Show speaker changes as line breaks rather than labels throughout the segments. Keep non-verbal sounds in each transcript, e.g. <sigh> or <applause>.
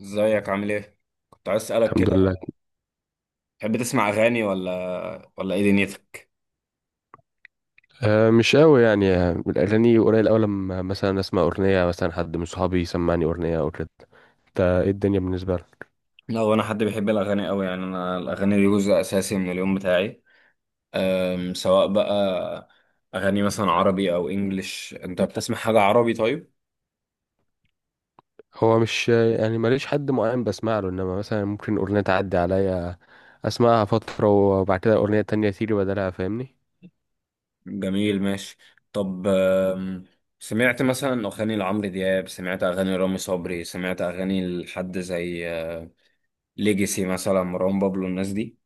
ازيك عامل ايه؟ كنت عايز اسألك
الحمد
كده.
لله.
تحب تسمع أغاني ولا ايه دنيتك؟
مش قوي يعني الاغاني قليل قوي، لما مثلا اسمع اغنيه، مثلا حد من صحابي يسمعني اغنيه او كده. انت ايه الدنيا بالنسبه لك؟
لا، هو أنا حد بيحب الأغاني أوي، يعني أنا الأغاني دي جزء أساسي من اليوم بتاعي. سواء بقى أغاني مثلا عربي أو إنجليش، أنت بتسمع حاجة عربي طيب؟
هو مش يعني ماليش حد معين بسمع له، انما مثلا ممكن اغنيه تعدي عليا اسمعها فتره وبعد كده اغنيه تانية تيجي بدلها، فاهمني؟
جميل، ماشي. طب سمعت مثلا أغاني لعمرو دياب، سمعت أغاني رامي صبري، سمعت أغاني لحد زي ليجيسي مثلا، مروان بابلو، الناس دي؟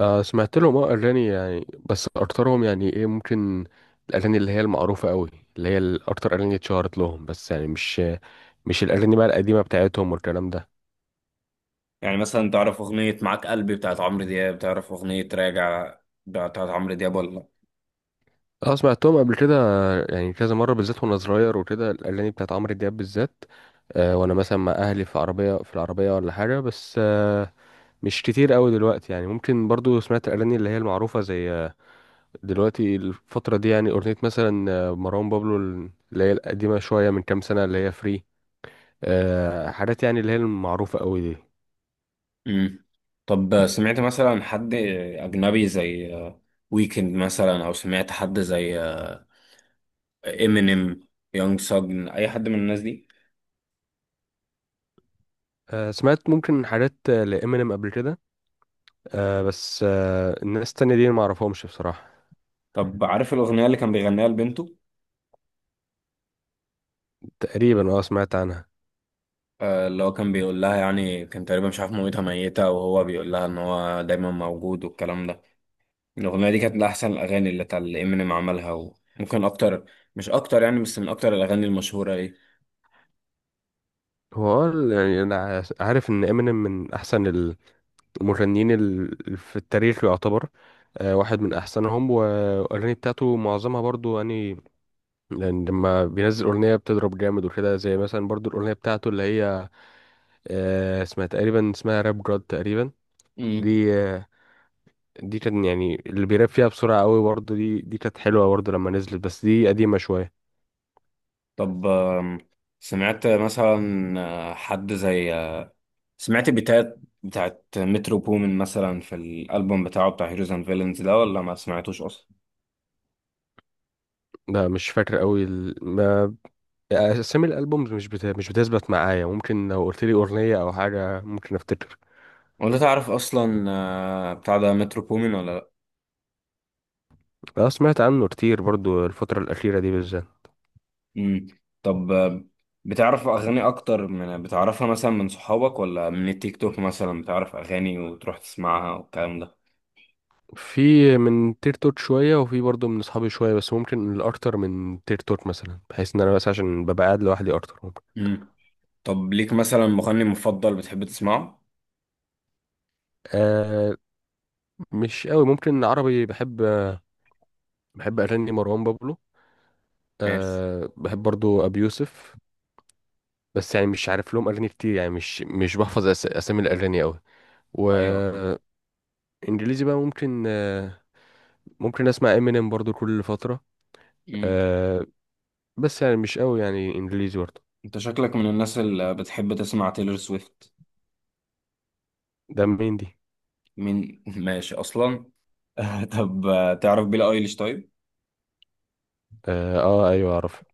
سمعت لهم، اه اغاني يعني، بس اكترهم يعني ايه، ممكن الاغاني اللي هي المعروفه قوي، اللي هي الاكتر اغاني اتشهرت لهم، بس يعني مش الاغاني بقى القديمه بتاعتهم والكلام ده.
يعني مثلا تعرف أغنية معاك قلبي بتاعت عمرو دياب، تعرف أغنية راجع بتاعت عمرو دياب ولا لأ؟
اه سمعتهم قبل كده يعني كذا مرة، بالذات وانا صغير وكده، الأغاني بتاعت عمرو دياب بالذات. آه وانا مثلا مع أهلي في عربية، في العربية ولا حاجة، بس مش كتير قوي دلوقتي يعني. ممكن برضو سمعت الأغاني اللي هي المعروفة، زي دلوقتي الفترة دي يعني أغنية مثلا مروان بابلو، اللي هي القديمة شوية من كام سنة، اللي هي فري. آه حاجات يعني اللي هي المعروفة قوي دي.
مم. طب سمعت مثلا حد أجنبي زي ويكند مثلا، أو سمعت حد زي إمينيم، يونج ساجن، أي حد من الناس دي.
آه سمعت ممكن حاجات لإمينيم قبل كده، آه بس الناس التانية دي ما أعرفهمش بصراحة.
طب عارف الأغنية اللي كان بيغنيها لبنته؟
تقريبا اه سمعت عنها.
اللي هو كان بيقول لها، يعني كان تقريبا مش عارف مامتها ميتة وهو بيقول لها إن هو دايما موجود والكلام ده. الأغنية دي كانت من أحسن الأغاني اللي بتاع اللي إمينيم عملها، وممكن أكتر، مش أكتر يعني، بس من أكتر الأغاني المشهورة.
هو اه يعني انا عارف ان امينيم من احسن المغنيين في التاريخ يعتبر. واحد من احسنهم، والاغاني بتاعته معظمها برضو يعني، لأن لما بينزل اغنيه بتضرب جامد وكده. زي مثلا برضو الاغنيه بتاعته اللي هي اسمها تقريبا، اسمها راب جاد تقريبا.
مم.
دي آه، دي كان يعني اللي بيراب فيها بسرعه قوي، برضو دي كانت حلوه برضو لما نزلت، بس دي قديمه شويه.
طب سمعت مثلا حد زي سمعت بتاعت مترو بومن مثلا، في الألبوم بتاعه، بتاع هيروز اند فيلنز ده، ولا ما سمعتوش أصلا؟
لا مش فاكر قوي. اسامي الالبومز مش مش بتثبت معايا. ممكن لو قلت لي اغنيه او حاجه ممكن افتكر.
ولا تعرف أصلا بتاع ده مترو بومن ولا لأ؟
اه سمعت عنه كتير برضو الفتره الاخيره دي بالذات.
مم. طب بتعرف أغاني أكتر من بتعرفها مثلا من صحابك، ولا من التيك توك مثلا بتعرف أغاني وتروح تسمعها والكلام ده؟
في من تير توت شويه، وفي برضو من اصحابي شويه، بس ممكن الاكتر من تير توت مثلا، بحيث ان انا بس عشان ببقى قاعد لوحدي اكتر ممكن.
مم. طب ليك مثلا مغني مفضل بتحب تسمعه؟
آه مش قوي. ممكن عربي بحب، بحب اغاني مروان بابلو.
ماشي.
آه بحب برضو ابي يوسف. بس يعني مش عارف لهم اغاني كتير. يعني مش بحفظ اسامي الاغاني قوي.
أيوه.
وانجليزي بقى ممكن ممكن اسمع امينيم برضو كل فترة.
مم.
أه بس يعني مش قوي يعني انجليزي برضو.
انت شكلك من الناس اللي بتحب تسمع تيلر سويفت.
ده مين دي؟
مين؟ <laughs> ماشي اصلا. <laughs> طب تعرف بيلي ايليش طيب؟
اه, آه ايوه اعرف.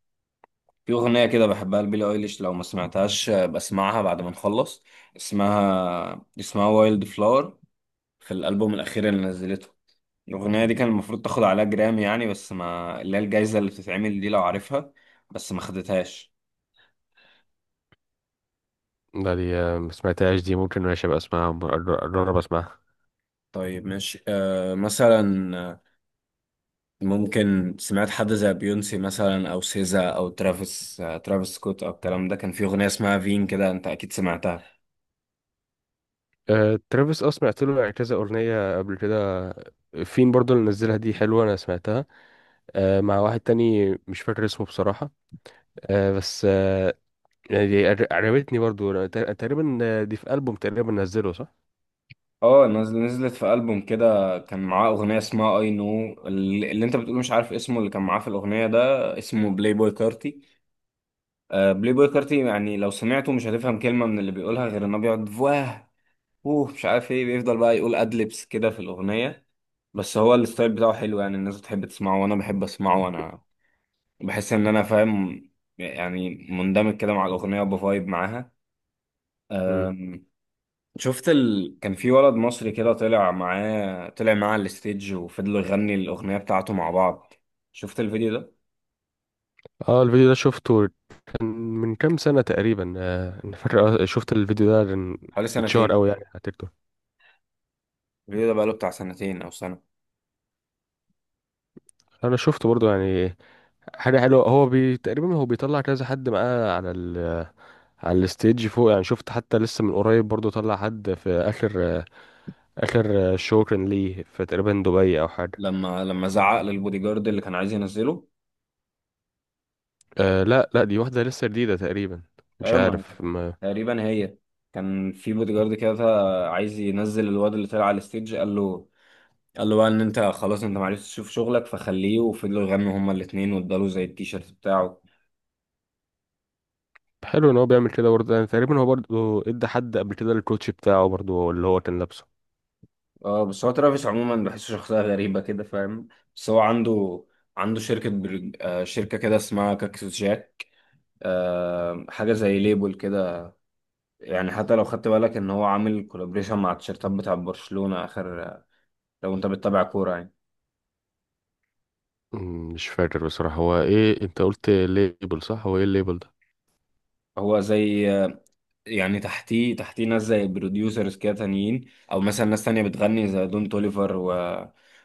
في اغنيه كده بحبها لبيلي ايليش، لو ما سمعتهاش بسمعها بعد ما نخلص. اسمها وايلد فلاور، في الالبوم الاخير اللي نزلته. الاغنيه دي كان المفروض تاخد عليها جرامي يعني، بس ما اللي هي الجايزه اللي بتتعمل دي لو عارفها، بس ما خدتهاش.
ده دي آه، ما سمعتهاش دي. ممكن ماشي ابقى اسمعها، اجرب اسمعها.
طيب ماشي. أه، مثلا ممكن سمعت حد زي بيونسي مثلا، او سيزا، او ترافيس سكوت، او الكلام ده. كان في اغنيه اسمها فين كده، انت اكيد سمعتها.
أه ترافيس اه سمعت له يعني كذا اغنية قبل كده. فين برضو اللي نزلها دي حلوة، انا سمعتها. أه مع واحد تاني مش فاكر اسمه بصراحة. أه بس يعني دي عجبتني برضو. أنا تقريبا دي في ألبوم تقريبا نزله، صح؟
اه، نزلت في البوم كده، كان معاه اغنيه اسمها اي نو، اللي انت بتقول مش عارف اسمه، اللي كان معاه في الاغنيه ده، اسمه بلاي بوي كارتي. آه، بلاي بوي كارتي يعني لو سمعته مش هتفهم كلمه من اللي بيقولها، غير انه بيقعد فواه اوه مش عارف ايه، بيفضل بقى يقول ادلبس كده في الاغنيه. بس هو الستايل بتاعه حلو يعني، الناس بتحب تسمعه وانا بحب اسمعه، وانا بحس ان انا فاهم، يعني مندمج كده مع الاغنيه وبفايب معاها.
مم.
أم، كان في ولد مصري كده طلع معاه على الستيج وفضلوا يغني الاغنيه بتاعته مع بعض. شفت الفيديو ده؟
اه الفيديو ده شفته. كان من كام سنة تقريبا. انا فاكر شفت الفيديو ده لأن
حوالي
اتشهر
سنتين.
قوي يعني على تيك توك.
الفيديو ده بقاله بتاع سنتين او سنه.
انا شفته برضو يعني حاجة حلوة. هو تقريبا هو بيطلع كذا حد معاه على على الستيج فوق يعني. شفت حتى لسه من قريب برضو طلع حد في اخر آه، اخر شو كان ليه، في تقريبا دبي او حاجة.
لما زعق للبودي جارد اللي كان عايز ينزله.
أه لا لا، دي واحدة لسه جديدة تقريبا، مش
ايوه، ما
عارف ما...
تقريبا هي، كان في بودي جارد كده عايز ينزل الواد اللي طلع على الستيج، قال له، قالوا بقى ان انت خلاص انت معرفتش تشوف شغلك فخليه، وفضلوا يغنوا هما الاتنين واداله زي التيشيرت بتاعه.
حلو ان هو بيعمل كده برضه. يعني تقريبا هو برضه ادى حد قبل كده الكوتش بتاعه برضه اللي هو كان لابسه.
اه، بس هو ترافيس عموما بحسه شخصية غريبة كده، فاهم؟ بس هو عنده عنده شركة برج... آه شركة كده اسمها كاكسوس جاك، آه، حاجة زي ليبل كده. يعني حتى لو خدت بالك ان هو عامل كولابريشن مع التيشيرتات بتاع برشلونة اخر، لو انت بتتابع كورة يعني.
مم، مش فاكر بصراحة. هو ايه، انت قلت ليبل، صح؟ هو ايه الليبل ده؟
هو زي يعني تحتيه ناس زي بروديوسرز كده تانيين، او مثلا ناس تانية بتغني زي دون توليفر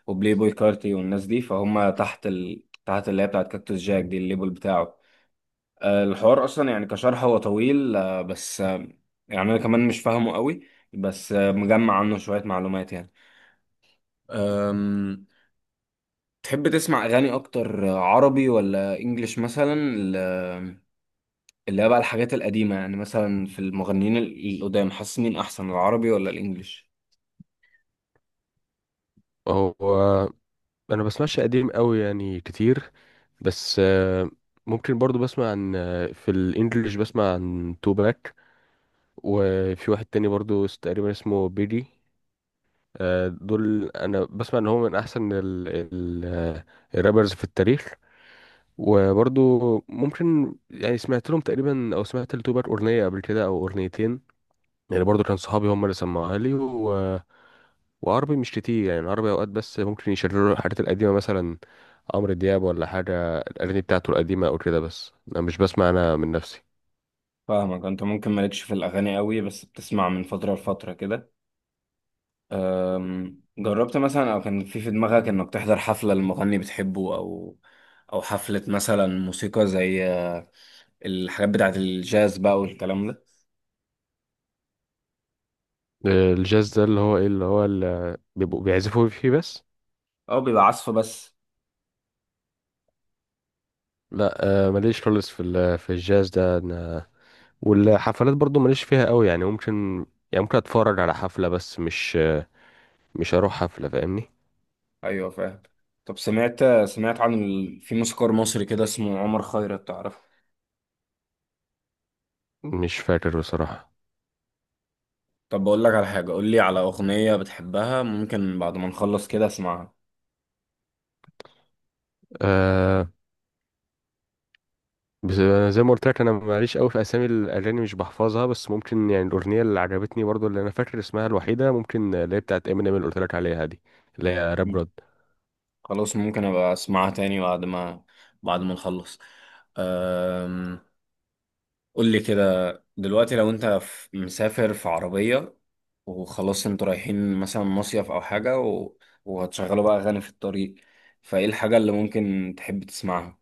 وبلاي بوي كارتي والناس دي، فهم تحت تحت اللي هي بتاعت كاكتوس جاك دي، الليبل بتاعه. الحوار اصلا يعني كشرح هو طويل، بس يعني انا كمان مش فاهمه قوي، بس مجمع عنه شوية معلومات يعني. أم، تحب تسمع اغاني اكتر عربي ولا انجليش مثلا؟ اللي هي بقى الحاجات القديمة يعني، مثلا في المغنيين القدام، حاسس مين احسن، العربي ولا الانجليش؟
هو انا بسمعش قديم قوي يعني كتير، بس ممكن برضو بسمع عن في الانجليش بسمع عن توباك، وفي واحد تاني برضو تقريبا اسمه بيدي. دول انا بسمع ان هو من احسن ال الرابرز في التاريخ. وبرضو ممكن يعني سمعت لهم تقريبا، او سمعت لتوباك اغنية قبل كده او اغنيتين يعني، برضو كان صحابي هم اللي سمعوها لي. وعربي مش كتير يعني. العربي اوقات بس ممكن يشيروا الحاجات القديمه مثلا عمرو دياب ولا حاجه، الاغاني بتاعته القديمه او كده، بس انا مش بسمع انا من نفسي.
فاهمك، انت ممكن مالكش في الاغاني قوي بس بتسمع من فتره لفتره كده. جربت مثلا، او كان في دماغك انك تحضر حفله لمغني بتحبه، او حفله مثلا موسيقى زي الحاجات بتاعه الجاز بقى والكلام ده؟
الجاز ده اللي هو ايه؟ اللي هو اللي بيبقوا بيعزفوا فيه بس؟
او بيبقى عزف بس.
لا ماليش خالص في في الجاز ده أنا. والحفلات برضو ماليش فيها قوي يعني. ممكن اتفرج على حفله، بس مش هروح حفله، فاهمني؟
ايوه، فاهم. طب سمعت في موسيقار مصري كده اسمه عمر خيرت، تعرفه؟
مش فاكر بصراحه.
طب بقول لك على حاجه، قول لي على اغنيه بتحبها ممكن بعد ما نخلص كده اسمعها.
أه بس أنا زي ما قلت لك، انا ماليش قوي في اسامي الاغاني، مش بحفظها. بس ممكن يعني الاغنيه اللي عجبتني برضو اللي انا فاكر اسمها الوحيده، ممكن اللي هي بتاعت امينيم اللي قلت لك عليها دي، اللي هي راب جود.
خلاص، ممكن ابقى اسمعها تاني بعد ما نخلص. أم... قول لي كده دلوقتي، لو انت مسافر في عربية وخلاص انتوا رايحين مثلا مصيف او حاجة وهتشغلوا بقى اغاني في الطريق، فايه الحاجة اللي ممكن تحب تسمعها؟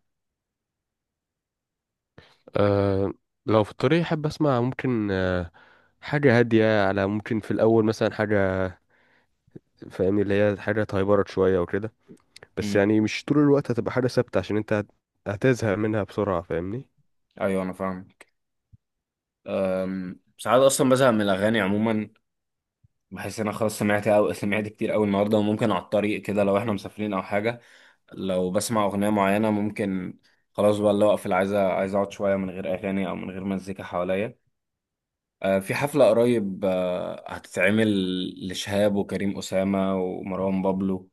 أه لو في الطريق، احب اسمع ممكن أه حاجه هاديه. على ممكن في الاول مثلا حاجه، فاهمني؟ اللي هي حاجه تهيبرت شويه وكده. بس
مم.
يعني مش طول الوقت هتبقى حاجه ثابته، عشان انت هتزهق منها بسرعه، فاهمني؟
ايوه، انا فاهم. ساعات اصلا بزهق من الاغاني عموما، بحس ان انا خلاص سمعت، او سمعت كتير قوي النهارده، وممكن على الطريق كده لو احنا مسافرين او حاجة، لو بسمع أغنية معينة، ممكن خلاص بقى اللي هو أقفل، عايز أقعد شوية من غير أغاني أو من غير مزيكا حواليا. في حفلة قريب هتتعمل لشهاب وكريم أسامة ومروان بابلو،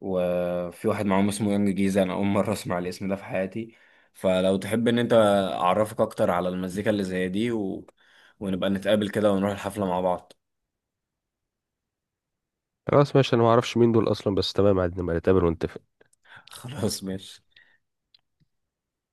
وفي واحد معاهم اسمه يونج جيزة، أنا أول مرة أسمع الاسم ده في حياتي. فلو تحب إن أنت أعرفك أكتر على المزيكا اللي زي دي ونبقى نتقابل كده ونروح الحفلة مع بعض.
خلاص ماشي. انا ما اعرفش مين دول اصلا، بس تمام عادي نبقى نتقابل ونتفق.
<laughs> خلاص، ماشي.